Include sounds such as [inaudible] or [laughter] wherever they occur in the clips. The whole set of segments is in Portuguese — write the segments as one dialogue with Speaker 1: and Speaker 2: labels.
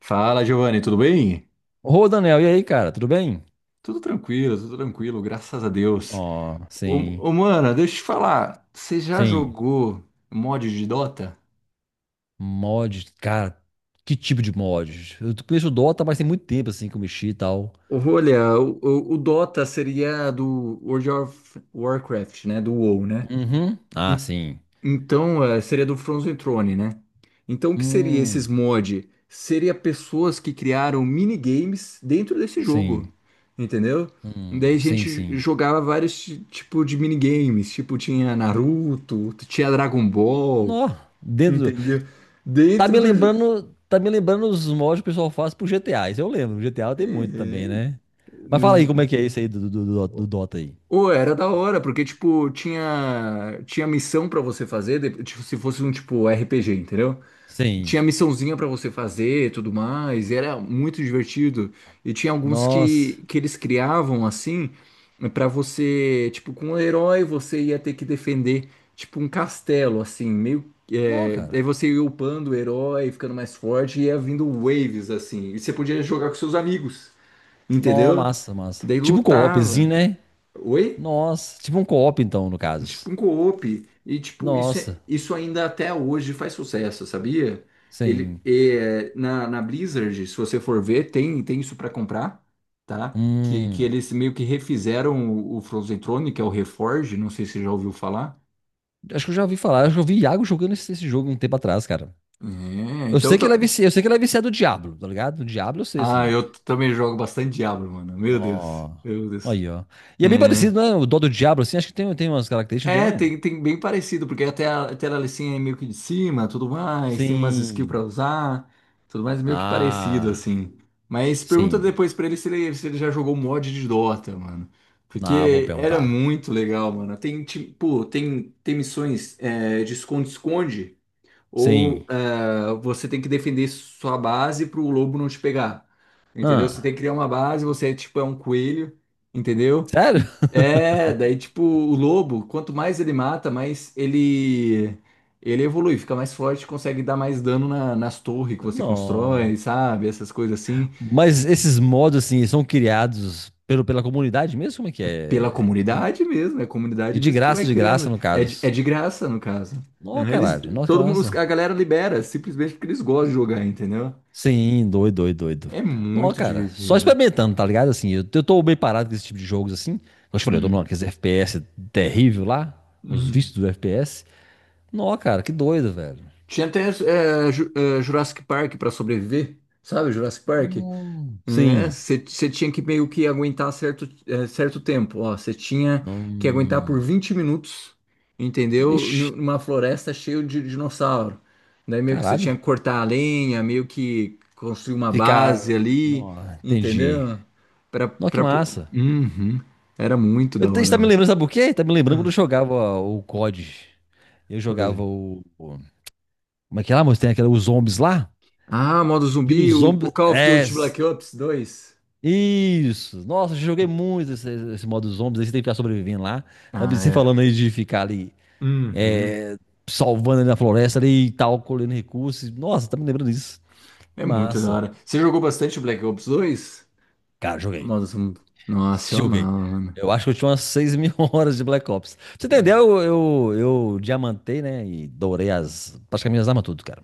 Speaker 1: Fala, Giovanni, tudo bem?
Speaker 2: Ô, Daniel, e aí, cara, tudo bem?
Speaker 1: Tudo tranquilo, graças a Deus.
Speaker 2: Ó, sim,
Speaker 1: Ô, ô, mano, deixa eu te falar, você já
Speaker 2: sim.
Speaker 1: jogou mod de Dota?
Speaker 2: Mod, cara, que tipo de mod? Eu conheço o Dota, mas tem muito tempo, assim, que eu mexi e tal.
Speaker 1: Olha, o Dota seria do World of Warcraft, né? Do WoW, né?
Speaker 2: Uhum. Ah,
Speaker 1: En-
Speaker 2: sim.
Speaker 1: Então, seria do Frozen Throne, né? Então, o que seria esses
Speaker 2: Hum,
Speaker 1: mod? Seria pessoas que criaram minigames dentro desse jogo,
Speaker 2: sim.
Speaker 1: entendeu? Daí a
Speaker 2: Sim,
Speaker 1: gente
Speaker 2: sim.
Speaker 1: jogava vários tipos de minigames, tipo tinha Naruto, tinha Dragon Ball,
Speaker 2: Nó, dentro do...
Speaker 1: entendeu?
Speaker 2: Tá
Speaker 1: Dentro
Speaker 2: me
Speaker 1: do jogo.
Speaker 2: lembrando, tá me lembrando os mods que o pessoal faz pro GTA, isso eu lembro. GTA tem muito também, né? Mas fala aí como é que é isso aí do Dota aí.
Speaker 1: Ou era da hora, porque tipo tinha missão pra você fazer, tipo, se fosse um tipo RPG, entendeu?
Speaker 2: Sim.
Speaker 1: Tinha missãozinha pra você fazer, e tudo mais, e era muito divertido. E tinha alguns
Speaker 2: Nossa.
Speaker 1: que eles criavam assim, pra você, tipo, com um herói você ia ter que defender, tipo, um castelo assim, meio
Speaker 2: Nó, cara.
Speaker 1: aí você ia upando o herói, ficando mais forte, e ia vindo waves assim, e você podia jogar com seus amigos,
Speaker 2: Nó,
Speaker 1: entendeu?
Speaker 2: massa, massa.
Speaker 1: Daí
Speaker 2: Tipo um co-opzinho,
Speaker 1: lutava.
Speaker 2: né?
Speaker 1: Oi?
Speaker 2: Nossa, tipo um co-op então, no caso.
Speaker 1: Tipo um co-op. E, tipo, isso,
Speaker 2: Nossa,
Speaker 1: isso ainda até hoje faz sucesso, sabia? Ele,
Speaker 2: sim.
Speaker 1: na Blizzard, se você for ver, tem isso para comprar, tá? Que
Speaker 2: Hum,
Speaker 1: eles meio que refizeram o Frozen Throne, que é o Reforge, não sei se você já ouviu falar.
Speaker 2: acho que eu já ouvi falar, acho que eu vi Iago jogando esse jogo um tempo atrás, cara.
Speaker 1: É,
Speaker 2: Eu
Speaker 1: então...
Speaker 2: sei
Speaker 1: eu
Speaker 2: que ele é viciado, eu sei que ele é viciado do Diablo, tá ligado? Do Diablo eu sei,
Speaker 1: Ah,
Speaker 2: assim.
Speaker 1: também jogo bastante Diablo, mano. Meu Deus,
Speaker 2: Nó.
Speaker 1: meu Deus.
Speaker 2: Aí, ó. E é bem
Speaker 1: É.
Speaker 2: parecido, né? O dó do Diablo, assim, acho que tem umas características, não tem
Speaker 1: É,
Speaker 2: não?
Speaker 1: tem bem parecido, porque até a Alicinha é meio que de cima, tudo mais, tem umas skills pra
Speaker 2: Sim.
Speaker 1: usar, tudo mais meio que parecido,
Speaker 2: Ah,
Speaker 1: assim. Mas pergunta
Speaker 2: sim.
Speaker 1: depois pra ele, se ele já jogou mod de Dota, mano.
Speaker 2: Ah, vou
Speaker 1: Porque era
Speaker 2: perguntar.
Speaker 1: muito legal, mano. Tem, tipo, tem missões de esconde-esconde ou
Speaker 2: Sim.
Speaker 1: você tem que defender sua base para o lobo não te pegar, entendeu? Você
Speaker 2: Ah,
Speaker 1: tem que criar uma base, você é tipo um coelho, entendeu?
Speaker 2: sério?
Speaker 1: E daí tipo o lobo, quanto mais ele mata, mais ele evolui, fica mais forte, consegue dar mais dano nas torres que você
Speaker 2: Não.
Speaker 1: constrói, sabe? Essas coisas assim,
Speaker 2: Mas esses mods, assim, são criados pelo, pela comunidade mesmo? Como é que
Speaker 1: pela
Speaker 2: é? E,
Speaker 1: comunidade mesmo, é a
Speaker 2: e
Speaker 1: comunidade mesmo que vai
Speaker 2: de graça,
Speaker 1: criando,
Speaker 2: no
Speaker 1: é de, é
Speaker 2: caso.
Speaker 1: de graça no caso.
Speaker 2: Nó,
Speaker 1: Aham, eles,
Speaker 2: caralho. Nossa, que
Speaker 1: todo mundo,
Speaker 2: massa.
Speaker 1: a galera libera, simplesmente porque eles gostam de jogar, entendeu?
Speaker 2: Sim, doido, doido, doido.
Speaker 1: É
Speaker 2: Nó,
Speaker 1: muito
Speaker 2: cara. Só
Speaker 1: divertido.
Speaker 2: experimentando, tá ligado? Assim, eu tô bem parado com esse tipo de jogos, assim. Eu te falei, eu tô
Speaker 1: Hum,
Speaker 2: naqueles FPS terrível lá. Os
Speaker 1: hum.
Speaker 2: vícios do FPS. Nó, cara, que doido, velho.
Speaker 1: Tinha até Jurassic Park para sobreviver, sabe? Jurassic Park.
Speaker 2: Sim.
Speaker 1: Você tinha que meio que aguentar certo tempo. Ó, você tinha que aguentar por
Speaker 2: Hum,
Speaker 1: 20 minutos, entendeu?
Speaker 2: vixe,
Speaker 1: Numa floresta cheia de dinossauro. Daí meio que você
Speaker 2: caralho.
Speaker 1: tinha que cortar a lenha, meio que construir uma base
Speaker 2: Ficar...
Speaker 1: ali,
Speaker 2: Nó, entendi.
Speaker 1: entendeu? Pra,
Speaker 2: Nó, que
Speaker 1: pra... po-
Speaker 2: massa.
Speaker 1: Uhum. Era muito da
Speaker 2: Isso
Speaker 1: hora,
Speaker 2: tá me
Speaker 1: mano.
Speaker 2: lembrando, sabe por quê? Tá me lembrando
Speaker 1: Ah,
Speaker 2: quando eu jogava o COD. Eu jogava
Speaker 1: pode.
Speaker 2: o. Como é que é lá, moço? Tem aquela, os zombies lá?
Speaker 1: Ah, modo
Speaker 2: E
Speaker 1: zumbi,
Speaker 2: nos
Speaker 1: o
Speaker 2: zombies.
Speaker 1: Call of
Speaker 2: É.
Speaker 1: Duty Black Ops 2.
Speaker 2: Isso. Nossa, eu joguei muito esse modo zombies. Aí você tem que ficar sobrevivendo lá. Tá
Speaker 1: Ah,
Speaker 2: você
Speaker 1: é.
Speaker 2: falando aí de ficar ali.
Speaker 1: Uhum.
Speaker 2: É, salvando ali na floresta ali e tal, colhendo recursos. Nossa, tá me lembrando disso.
Speaker 1: É
Speaker 2: Que
Speaker 1: muito da
Speaker 2: massa.
Speaker 1: hora. Você jogou bastante Black Ops 2?
Speaker 2: Cara, joguei.
Speaker 1: Modo zumbi. Nossa, eu
Speaker 2: Joguei.
Speaker 1: amava, mano.
Speaker 2: Eu acho que eu tinha umas 6.000 [laughs] horas de Black Ops. Pra você
Speaker 1: Hum.
Speaker 2: entendeu? Eu, eu diamantei, né? E dourei as. Praticamente as armas tudo, cara.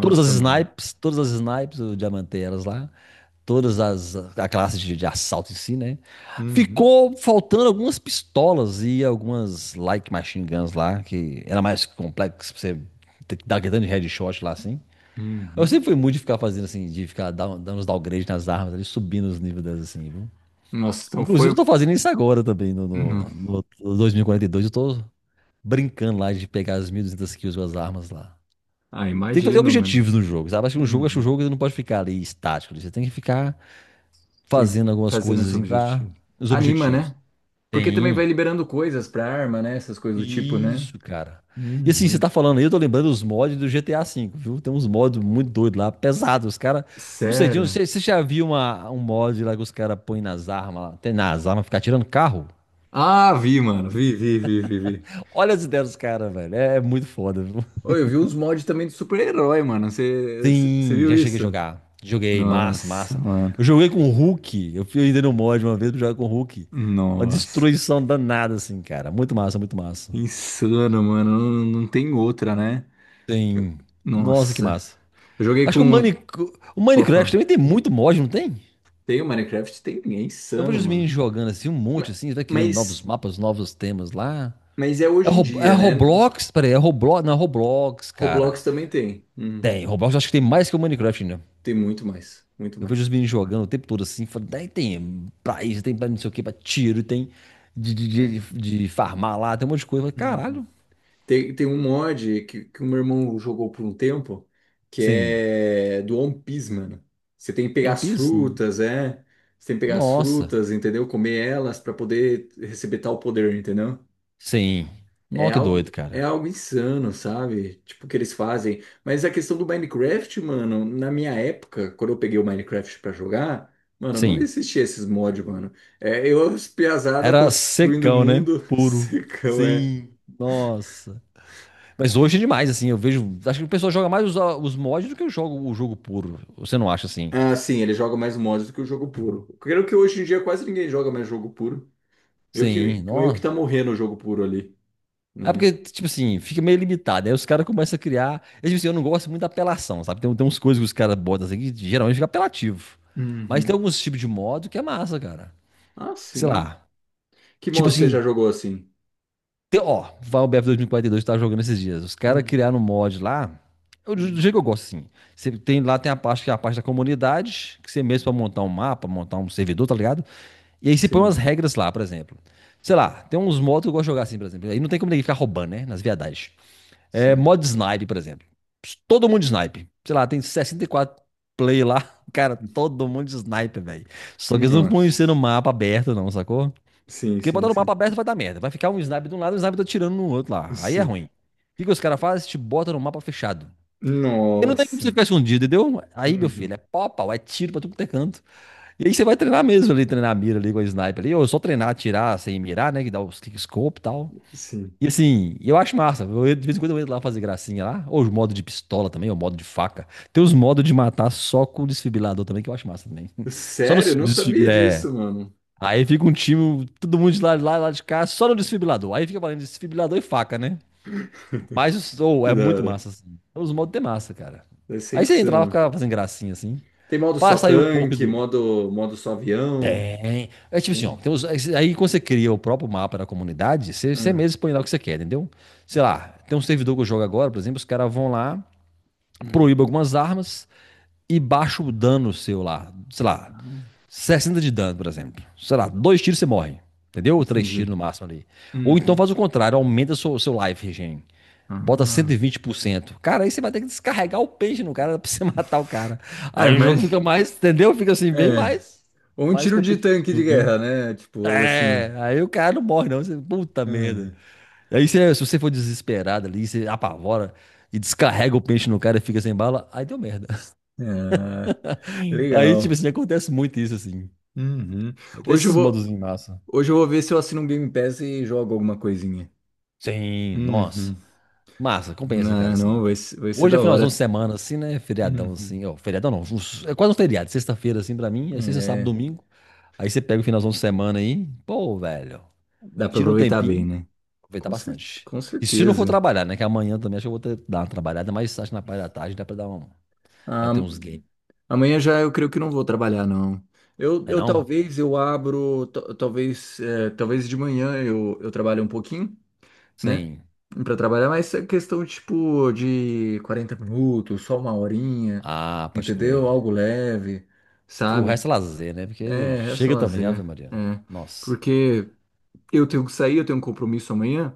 Speaker 1: mano.
Speaker 2: Todas as snipes, eu diamantei elas lá. Todas as. A classe de assalto em si, né?
Speaker 1: Uhum.
Speaker 2: Ficou faltando algumas pistolas e algumas like machine guns lá, que era mais complexo pra você ter que dar aquele tanto de headshot lá assim. Eu
Speaker 1: Uhum.
Speaker 2: sempre fui muito de ficar fazendo assim, de ficar dando uns downgrades nas armas ali, subindo os níveis delas assim, viu?
Speaker 1: Nossa, então
Speaker 2: Inclusive, eu
Speaker 1: foi.
Speaker 2: tô fazendo isso agora também, no, no,
Speaker 1: Uhum.
Speaker 2: no- no 2042. Eu tô brincando lá de pegar as 1.200 kills com as armas lá.
Speaker 1: Ah,
Speaker 2: Tem que fazer
Speaker 1: imagino, mano.
Speaker 2: objetivos no jogo, sabe? Acho que no jogo, acho que o
Speaker 1: Uhum.
Speaker 2: jogo ele não pode ficar ali estático. Você tem que ficar
Speaker 1: Tem-
Speaker 2: fazendo algumas
Speaker 1: Fazendo
Speaker 2: coisas
Speaker 1: os
Speaker 2: assim pra
Speaker 1: objetivos.
Speaker 2: os
Speaker 1: Anima, né?
Speaker 2: objetivos.
Speaker 1: Porque também vai
Speaker 2: Tem.
Speaker 1: liberando coisas pra arma, né? Essas coisas do tipo, né?
Speaker 2: Isso, cara. E assim, você
Speaker 1: Uhum.
Speaker 2: tá falando aí, eu tô lembrando os mods do GTA V, viu? Tem uns mods muito doidos lá, pesados. Os caras. Não sei, Dinho,
Speaker 1: Sério?
Speaker 2: você já viu uma, um mod lá que os caras põem nas armas lá? Tem nas armas, ficar tirando carro?
Speaker 1: Ah, vi, mano. Vi, vi, vi, vi, vi.
Speaker 2: Olha as ideias dos caras, velho. É muito foda, viu?
Speaker 1: Oi, eu vi uns mods também de super-herói, mano. Você
Speaker 2: Sim,
Speaker 1: viu
Speaker 2: já cheguei a
Speaker 1: isso?
Speaker 2: jogar. Joguei, massa,
Speaker 1: Nossa,
Speaker 2: massa.
Speaker 1: mano.
Speaker 2: Eu joguei com o Hulk. Eu fui ainda no mod uma vez pra jogar com o Hulk. Uma
Speaker 1: Nossa.
Speaker 2: destruição danada, assim, cara. Muito massa, muito massa.
Speaker 1: Insano, mano. Não, não tem outra, né?
Speaker 2: Sim. Nossa, que
Speaker 1: Nossa.
Speaker 2: massa.
Speaker 1: Eu joguei
Speaker 2: Acho que
Speaker 1: com.
Speaker 2: O
Speaker 1: Pô,
Speaker 2: Minecraft
Speaker 1: fala.
Speaker 2: também tem muito mod, não tem?
Speaker 1: Tem o Minecraft? Tem. É
Speaker 2: Eu
Speaker 1: insano,
Speaker 2: vejo os
Speaker 1: mano.
Speaker 2: meninos jogando assim, um
Speaker 1: Ma-
Speaker 2: monte assim, vai criando novos
Speaker 1: Mas,
Speaker 2: mapas, novos temas lá.
Speaker 1: mas é
Speaker 2: É,
Speaker 1: hoje em
Speaker 2: É
Speaker 1: dia, né?
Speaker 2: Roblox? Peraí, é Roblox? Não, é Roblox, cara.
Speaker 1: Roblox também tem. Uhum.
Speaker 2: Tem, Roblox acho que tem mais que o Minecraft, né?
Speaker 1: Tem muito mais. Muito
Speaker 2: Eu vejo os
Speaker 1: mais.
Speaker 2: meninos jogando o tempo todo assim, falo, daí tem pra isso, tem pra não sei o que, pra tiro, tem de, de,
Speaker 1: É.
Speaker 2: de, de farmar lá, tem um monte de coisa. Eu falo,
Speaker 1: Uhum.
Speaker 2: caralho,
Speaker 1: Tem um mod que o meu irmão jogou por um tempo, que
Speaker 2: sim.
Speaker 1: é do One Piece, mano. Você tem que pegar
Speaker 2: One
Speaker 1: as
Speaker 2: Piece?
Speaker 1: frutas, é? Você tem que pegar as
Speaker 2: Nossa,
Speaker 1: frutas, entendeu? Comer elas para poder receber tal poder, entendeu?
Speaker 2: sim.
Speaker 1: É
Speaker 2: Nossa, que doido,
Speaker 1: algo, é
Speaker 2: cara.
Speaker 1: algo insano, sabe? Tipo, o que eles fazem. Mas a questão do Minecraft, mano, na minha época, quando eu peguei o Minecraft para jogar, mano, não
Speaker 2: Sim.
Speaker 1: existia esses mods, mano. É, as piazada
Speaker 2: Era
Speaker 1: construindo o
Speaker 2: secão, né?
Speaker 1: mundo, [laughs]
Speaker 2: Puro.
Speaker 1: secão.
Speaker 2: Sim. Nossa. Mas hoje é demais, assim, eu vejo. Acho que o pessoal joga mais os mods do que eu jogo o jogo puro. Você não acha assim?
Speaker 1: Ah, sim, ele joga mais mods do que o jogo puro. Creio que hoje em dia quase ninguém joga mais jogo puro. Eu
Speaker 2: Sim,
Speaker 1: que, eu que tá
Speaker 2: nossa.
Speaker 1: morrendo o jogo puro ali,
Speaker 2: É
Speaker 1: né?
Speaker 2: porque, tipo assim, fica meio limitado. Aí os caras começam a criar. Eu, tipo assim, eu não gosto muito da apelação, sabe? Tem uns coisas que os caras botam assim que geralmente fica apelativo. Mas tem
Speaker 1: Uhum.
Speaker 2: alguns tipos de modo que é massa, cara.
Speaker 1: Ah,
Speaker 2: Sei
Speaker 1: sim.
Speaker 2: lá.
Speaker 1: Que
Speaker 2: Tipo
Speaker 1: modo você
Speaker 2: assim,
Speaker 1: já jogou assim?
Speaker 2: tem, ó, vai o BF 2042 que tava jogando esses dias. Os caras
Speaker 1: Hum,
Speaker 2: criaram um mod lá. Eu, do
Speaker 1: hum.
Speaker 2: jeito que eu gosto, assim. Você tem, lá tem a parte que é a parte da comunidade, que você mesmo pra montar um mapa, montar um servidor, tá ligado? E aí você põe umas
Speaker 1: Sim,
Speaker 2: regras lá, por exemplo. Sei lá, tem uns modos que eu gosto de jogar assim, por exemplo. Aí não tem como ninguém ficar roubando, né? Nas viadagens. É,
Speaker 1: sim.
Speaker 2: modo snipe, por exemplo. Todo mundo snipe. Sei lá, tem 64 play lá. [laughs] Cara, todo mundo snipe, velho. Só que eles não põem você
Speaker 1: Nossa.
Speaker 2: no mapa aberto, não, sacou?
Speaker 1: Sim,
Speaker 2: Porque
Speaker 1: sim,
Speaker 2: botar no mapa
Speaker 1: sim.
Speaker 2: aberto vai dar merda. Vai ficar um snipe de um lado e um snipe atirando no outro lá. Aí é
Speaker 1: Sim.
Speaker 2: ruim. O que que os caras fazem? Te botam no mapa fechado. E não tem como você
Speaker 1: Nossa.
Speaker 2: ficar escondido, entendeu? Aí, meu filho,
Speaker 1: Uhum.
Speaker 2: é pau, a pau, é tiro pra tudo que é canto. E aí você vai treinar mesmo ali, treinar a mira ali com a sniper ali. Ou só treinar, atirar sem mirar, né? Que dá os kickscope e tal.
Speaker 1: Sim.
Speaker 2: E assim, eu acho massa. Eu, de vez em quando eu entro lá fazer gracinha lá. Ou os modos de pistola também, ou modo de faca. Tem os modos de matar só com desfibrilador também, que eu acho massa também. [laughs] Só no
Speaker 1: Sério? Eu não sabia
Speaker 2: desfibrilador. É.
Speaker 1: disso, mano.
Speaker 2: Aí fica um time, todo mundo de lá, lá de cá, só no desfibrilador. Aí fica valendo desfibrilador e faca, né? Mas ou
Speaker 1: Que
Speaker 2: é
Speaker 1: da
Speaker 2: muito
Speaker 1: hora.
Speaker 2: massa, assim. Os modos de massa, cara.
Speaker 1: Vai ser
Speaker 2: Aí você entra lá,
Speaker 1: insano.
Speaker 2: fica fazendo gracinha, assim.
Speaker 1: Tem modo
Speaker 2: Pra
Speaker 1: só
Speaker 2: sair um pouco
Speaker 1: tanque,
Speaker 2: do.
Speaker 1: modo só avião.
Speaker 2: É tipo assim, ó,
Speaker 1: Tem.
Speaker 2: tem aí quando você cria o próprio mapa da comunidade, você
Speaker 1: Ah.
Speaker 2: mesmo expõe lá o que você quer, entendeu? Sei lá, tem um servidor que eu jogo agora, por exemplo, os caras vão lá,
Speaker 1: Hum.
Speaker 2: proíbem algumas armas e baixa o dano seu lá, sei lá, 60 de dano, por exemplo. Sei lá, dois tiros você morre, entendeu? Ou três tiros
Speaker 1: Entendi.
Speaker 2: no máximo ali. Ou então
Speaker 1: Uhum.
Speaker 2: faz o contrário, aumenta o seu life regen. Bota cento
Speaker 1: Ah,
Speaker 2: e vinte por cento. Cara, aí você vai ter que descarregar o peixe no cara [laughs] pra você matar o cara.
Speaker 1: Ah,
Speaker 2: Aí o jogo fica
Speaker 1: mas.
Speaker 2: mais, entendeu? Fica assim, bem
Speaker 1: É.
Speaker 2: mais,
Speaker 1: Ou um
Speaker 2: mais
Speaker 1: tiro de tanque de
Speaker 2: competitivo, né?
Speaker 1: guerra, né? Tipo, algo assim.
Speaker 2: É, aí o cara não morre, não. Você, puta merda.
Speaker 1: Uhum.
Speaker 2: Aí se você for desesperado ali, você apavora e descarrega o peixe no cara e fica sem bala, aí deu merda. [laughs]
Speaker 1: Ah,
Speaker 2: Aí, tipo
Speaker 1: legal.
Speaker 2: assim, acontece muito isso, assim.
Speaker 1: Uhum.
Speaker 2: Tem
Speaker 1: Hoje eu
Speaker 2: esses
Speaker 1: vou,
Speaker 2: modos em massa.
Speaker 1: hoje eu vou ver se eu assino um Game Pass e jogo alguma coisinha.
Speaker 2: Sim, nossa.
Speaker 1: Uhum.
Speaker 2: Massa, compensa, cara,
Speaker 1: Não, não,
Speaker 2: assim.
Speaker 1: vai ser
Speaker 2: Hoje é
Speaker 1: da
Speaker 2: finalzão de
Speaker 1: hora.
Speaker 2: semana, assim, né? Feriadão,
Speaker 1: Uhum.
Speaker 2: assim. Ó, feriadão não, é quase um feriado. Sexta-feira, assim, pra mim. É sexta, sábado,
Speaker 1: É,
Speaker 2: domingo. Aí você pega o finalzão de semana aí. Pô, velho.
Speaker 1: dá pra
Speaker 2: Tira um
Speaker 1: aproveitar bem,
Speaker 2: tempinho.
Speaker 1: né?
Speaker 2: Aproveitar
Speaker 1: Com cer-
Speaker 2: bastante.
Speaker 1: com
Speaker 2: E se não for
Speaker 1: certeza.
Speaker 2: trabalhar, né? Que amanhã também acho que eu vou ter, dar uma trabalhada, mas acho que na parte da tarde dá pra dar um,
Speaker 1: Ah,
Speaker 2: bater uns games.
Speaker 1: amanhã já eu creio que não vou trabalhar, não.
Speaker 2: É
Speaker 1: Eu
Speaker 2: não?
Speaker 1: talvez talvez de manhã eu trabalho um pouquinho, né?
Speaker 2: Sim.
Speaker 1: Pra trabalhar, mas é questão tipo de 40 minutos, só uma horinha,
Speaker 2: Ah, pode
Speaker 1: entendeu?
Speaker 2: crer.
Speaker 1: Algo leve,
Speaker 2: O
Speaker 1: sabe?
Speaker 2: resto é lazer, né? Porque
Speaker 1: É, resta
Speaker 2: chega também, Ave
Speaker 1: lazer.
Speaker 2: Maria.
Speaker 1: É.
Speaker 2: Nossa,
Speaker 1: Porque eu tenho que sair, eu tenho um compromisso amanhã.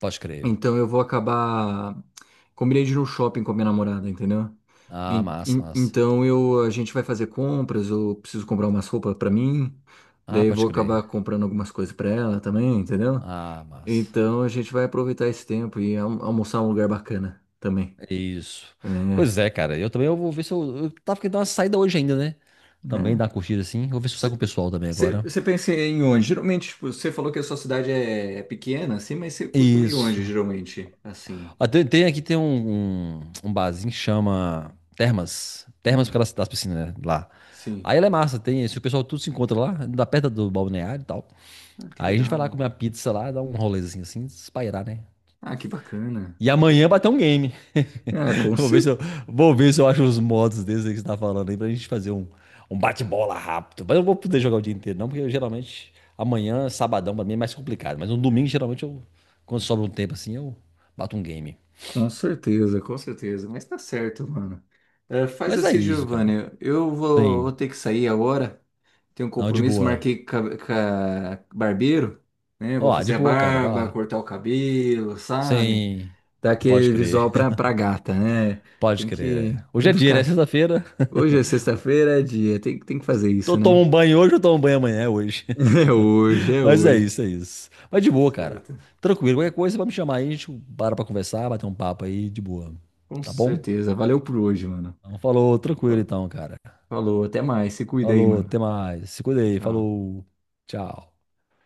Speaker 2: pode crer.
Speaker 1: Então eu vou acabar. Combinei de ir no shopping com a minha namorada, entendeu?
Speaker 2: Ah,
Speaker 1: En-
Speaker 2: massa,
Speaker 1: en-
Speaker 2: massa.
Speaker 1: Então eu, a gente vai fazer compras, eu preciso comprar umas roupas pra mim,
Speaker 2: Ah,
Speaker 1: daí eu
Speaker 2: pode
Speaker 1: vou acabar
Speaker 2: crer.
Speaker 1: comprando algumas coisas pra ela também, entendeu?
Speaker 2: Ah, massa.
Speaker 1: Então a gente vai aproveitar esse tempo e almoçar em um lugar bacana também,
Speaker 2: Isso.
Speaker 1: né?
Speaker 2: Pois é, cara. Eu também eu vou ver se eu. Eu tava querendo dar uma saída hoje ainda, né? Também
Speaker 1: Né?
Speaker 2: dar uma curtida assim. Vou ver se eu saio com o pessoal também agora.
Speaker 1: Você pensa em onde? Geralmente, tipo, você falou que a sua cidade é pequena, assim, mas você costuma ir onde,
Speaker 2: Isso.
Speaker 1: geralmente? Assim.
Speaker 2: Ah, tem, aqui tem um barzinho que chama Termas. Termas por
Speaker 1: Hum,
Speaker 2: causa das piscinas, né? Lá.
Speaker 1: sim.
Speaker 2: Aí ela é massa, tem. Se o pessoal tudo se encontra lá, da perto do balneário e tal.
Speaker 1: Ah, que
Speaker 2: Aí a gente vai lá
Speaker 1: legal.
Speaker 2: comer uma pizza lá, dar um rolezinho assim, espairar, né?
Speaker 1: Ah, que bacana.
Speaker 2: E
Speaker 1: Que
Speaker 2: amanhã
Speaker 1: bacana.
Speaker 2: bater um game.
Speaker 1: Ah,
Speaker 2: [laughs] Vou ver se eu, vou ver se eu acho os modos desses aí que você tá falando aí pra gente fazer um, um bate-bola rápido. Mas eu não vou poder jogar o dia inteiro, não, porque eu, geralmente amanhã, sabadão, pra mim é mais complicado. Mas no domingo, geralmente, eu, quando sobra um tempo assim, eu bato um game.
Speaker 1: com certeza, com certeza. Mas tá certo, mano. É, faz
Speaker 2: Mas é
Speaker 1: assim,
Speaker 2: isso, cara.
Speaker 1: Giovanni. Eu vou
Speaker 2: Tem.
Speaker 1: ter que sair agora. Tenho um
Speaker 2: Não, de
Speaker 1: compromisso,
Speaker 2: boa.
Speaker 1: marquei com barbeiro, né? Vou
Speaker 2: Ó, de
Speaker 1: fazer a
Speaker 2: boa, cara, vai
Speaker 1: barba,
Speaker 2: lá.
Speaker 1: cortar o cabelo, sabe?
Speaker 2: Sem.
Speaker 1: Dar
Speaker 2: Pode
Speaker 1: aquele visual
Speaker 2: crer,
Speaker 1: pra, gata, né?
Speaker 2: [laughs] pode
Speaker 1: Tem
Speaker 2: crer.
Speaker 1: que,
Speaker 2: É. Hoje
Speaker 1: tem
Speaker 2: é
Speaker 1: que
Speaker 2: dia, né?
Speaker 1: ficar.
Speaker 2: Sexta-feira.
Speaker 1: Hoje é sexta-feira, é dia. Tem que fazer
Speaker 2: Tô
Speaker 1: isso,
Speaker 2: Tomo
Speaker 1: né?
Speaker 2: um banho hoje, eu tomo um banho amanhã, é hoje.
Speaker 1: [laughs]
Speaker 2: [laughs]
Speaker 1: É hoje, é
Speaker 2: Mas é
Speaker 1: hoje.
Speaker 2: isso, é isso. Mas
Speaker 1: Mas
Speaker 2: de
Speaker 1: tá
Speaker 2: boa, cara.
Speaker 1: certo.
Speaker 2: Tranquilo, qualquer coisa, você vai me chamar aí, a gente para pra conversar, bater um papo aí, de boa.
Speaker 1: Com
Speaker 2: Tá bom?
Speaker 1: certeza. Valeu por hoje, mano.
Speaker 2: Então, falou, tranquilo então, cara.
Speaker 1: Falou, até mais. Se cuida aí,
Speaker 2: Falou,
Speaker 1: mano.
Speaker 2: até mais. Se cuida aí,
Speaker 1: Tchau.
Speaker 2: falou. Tchau.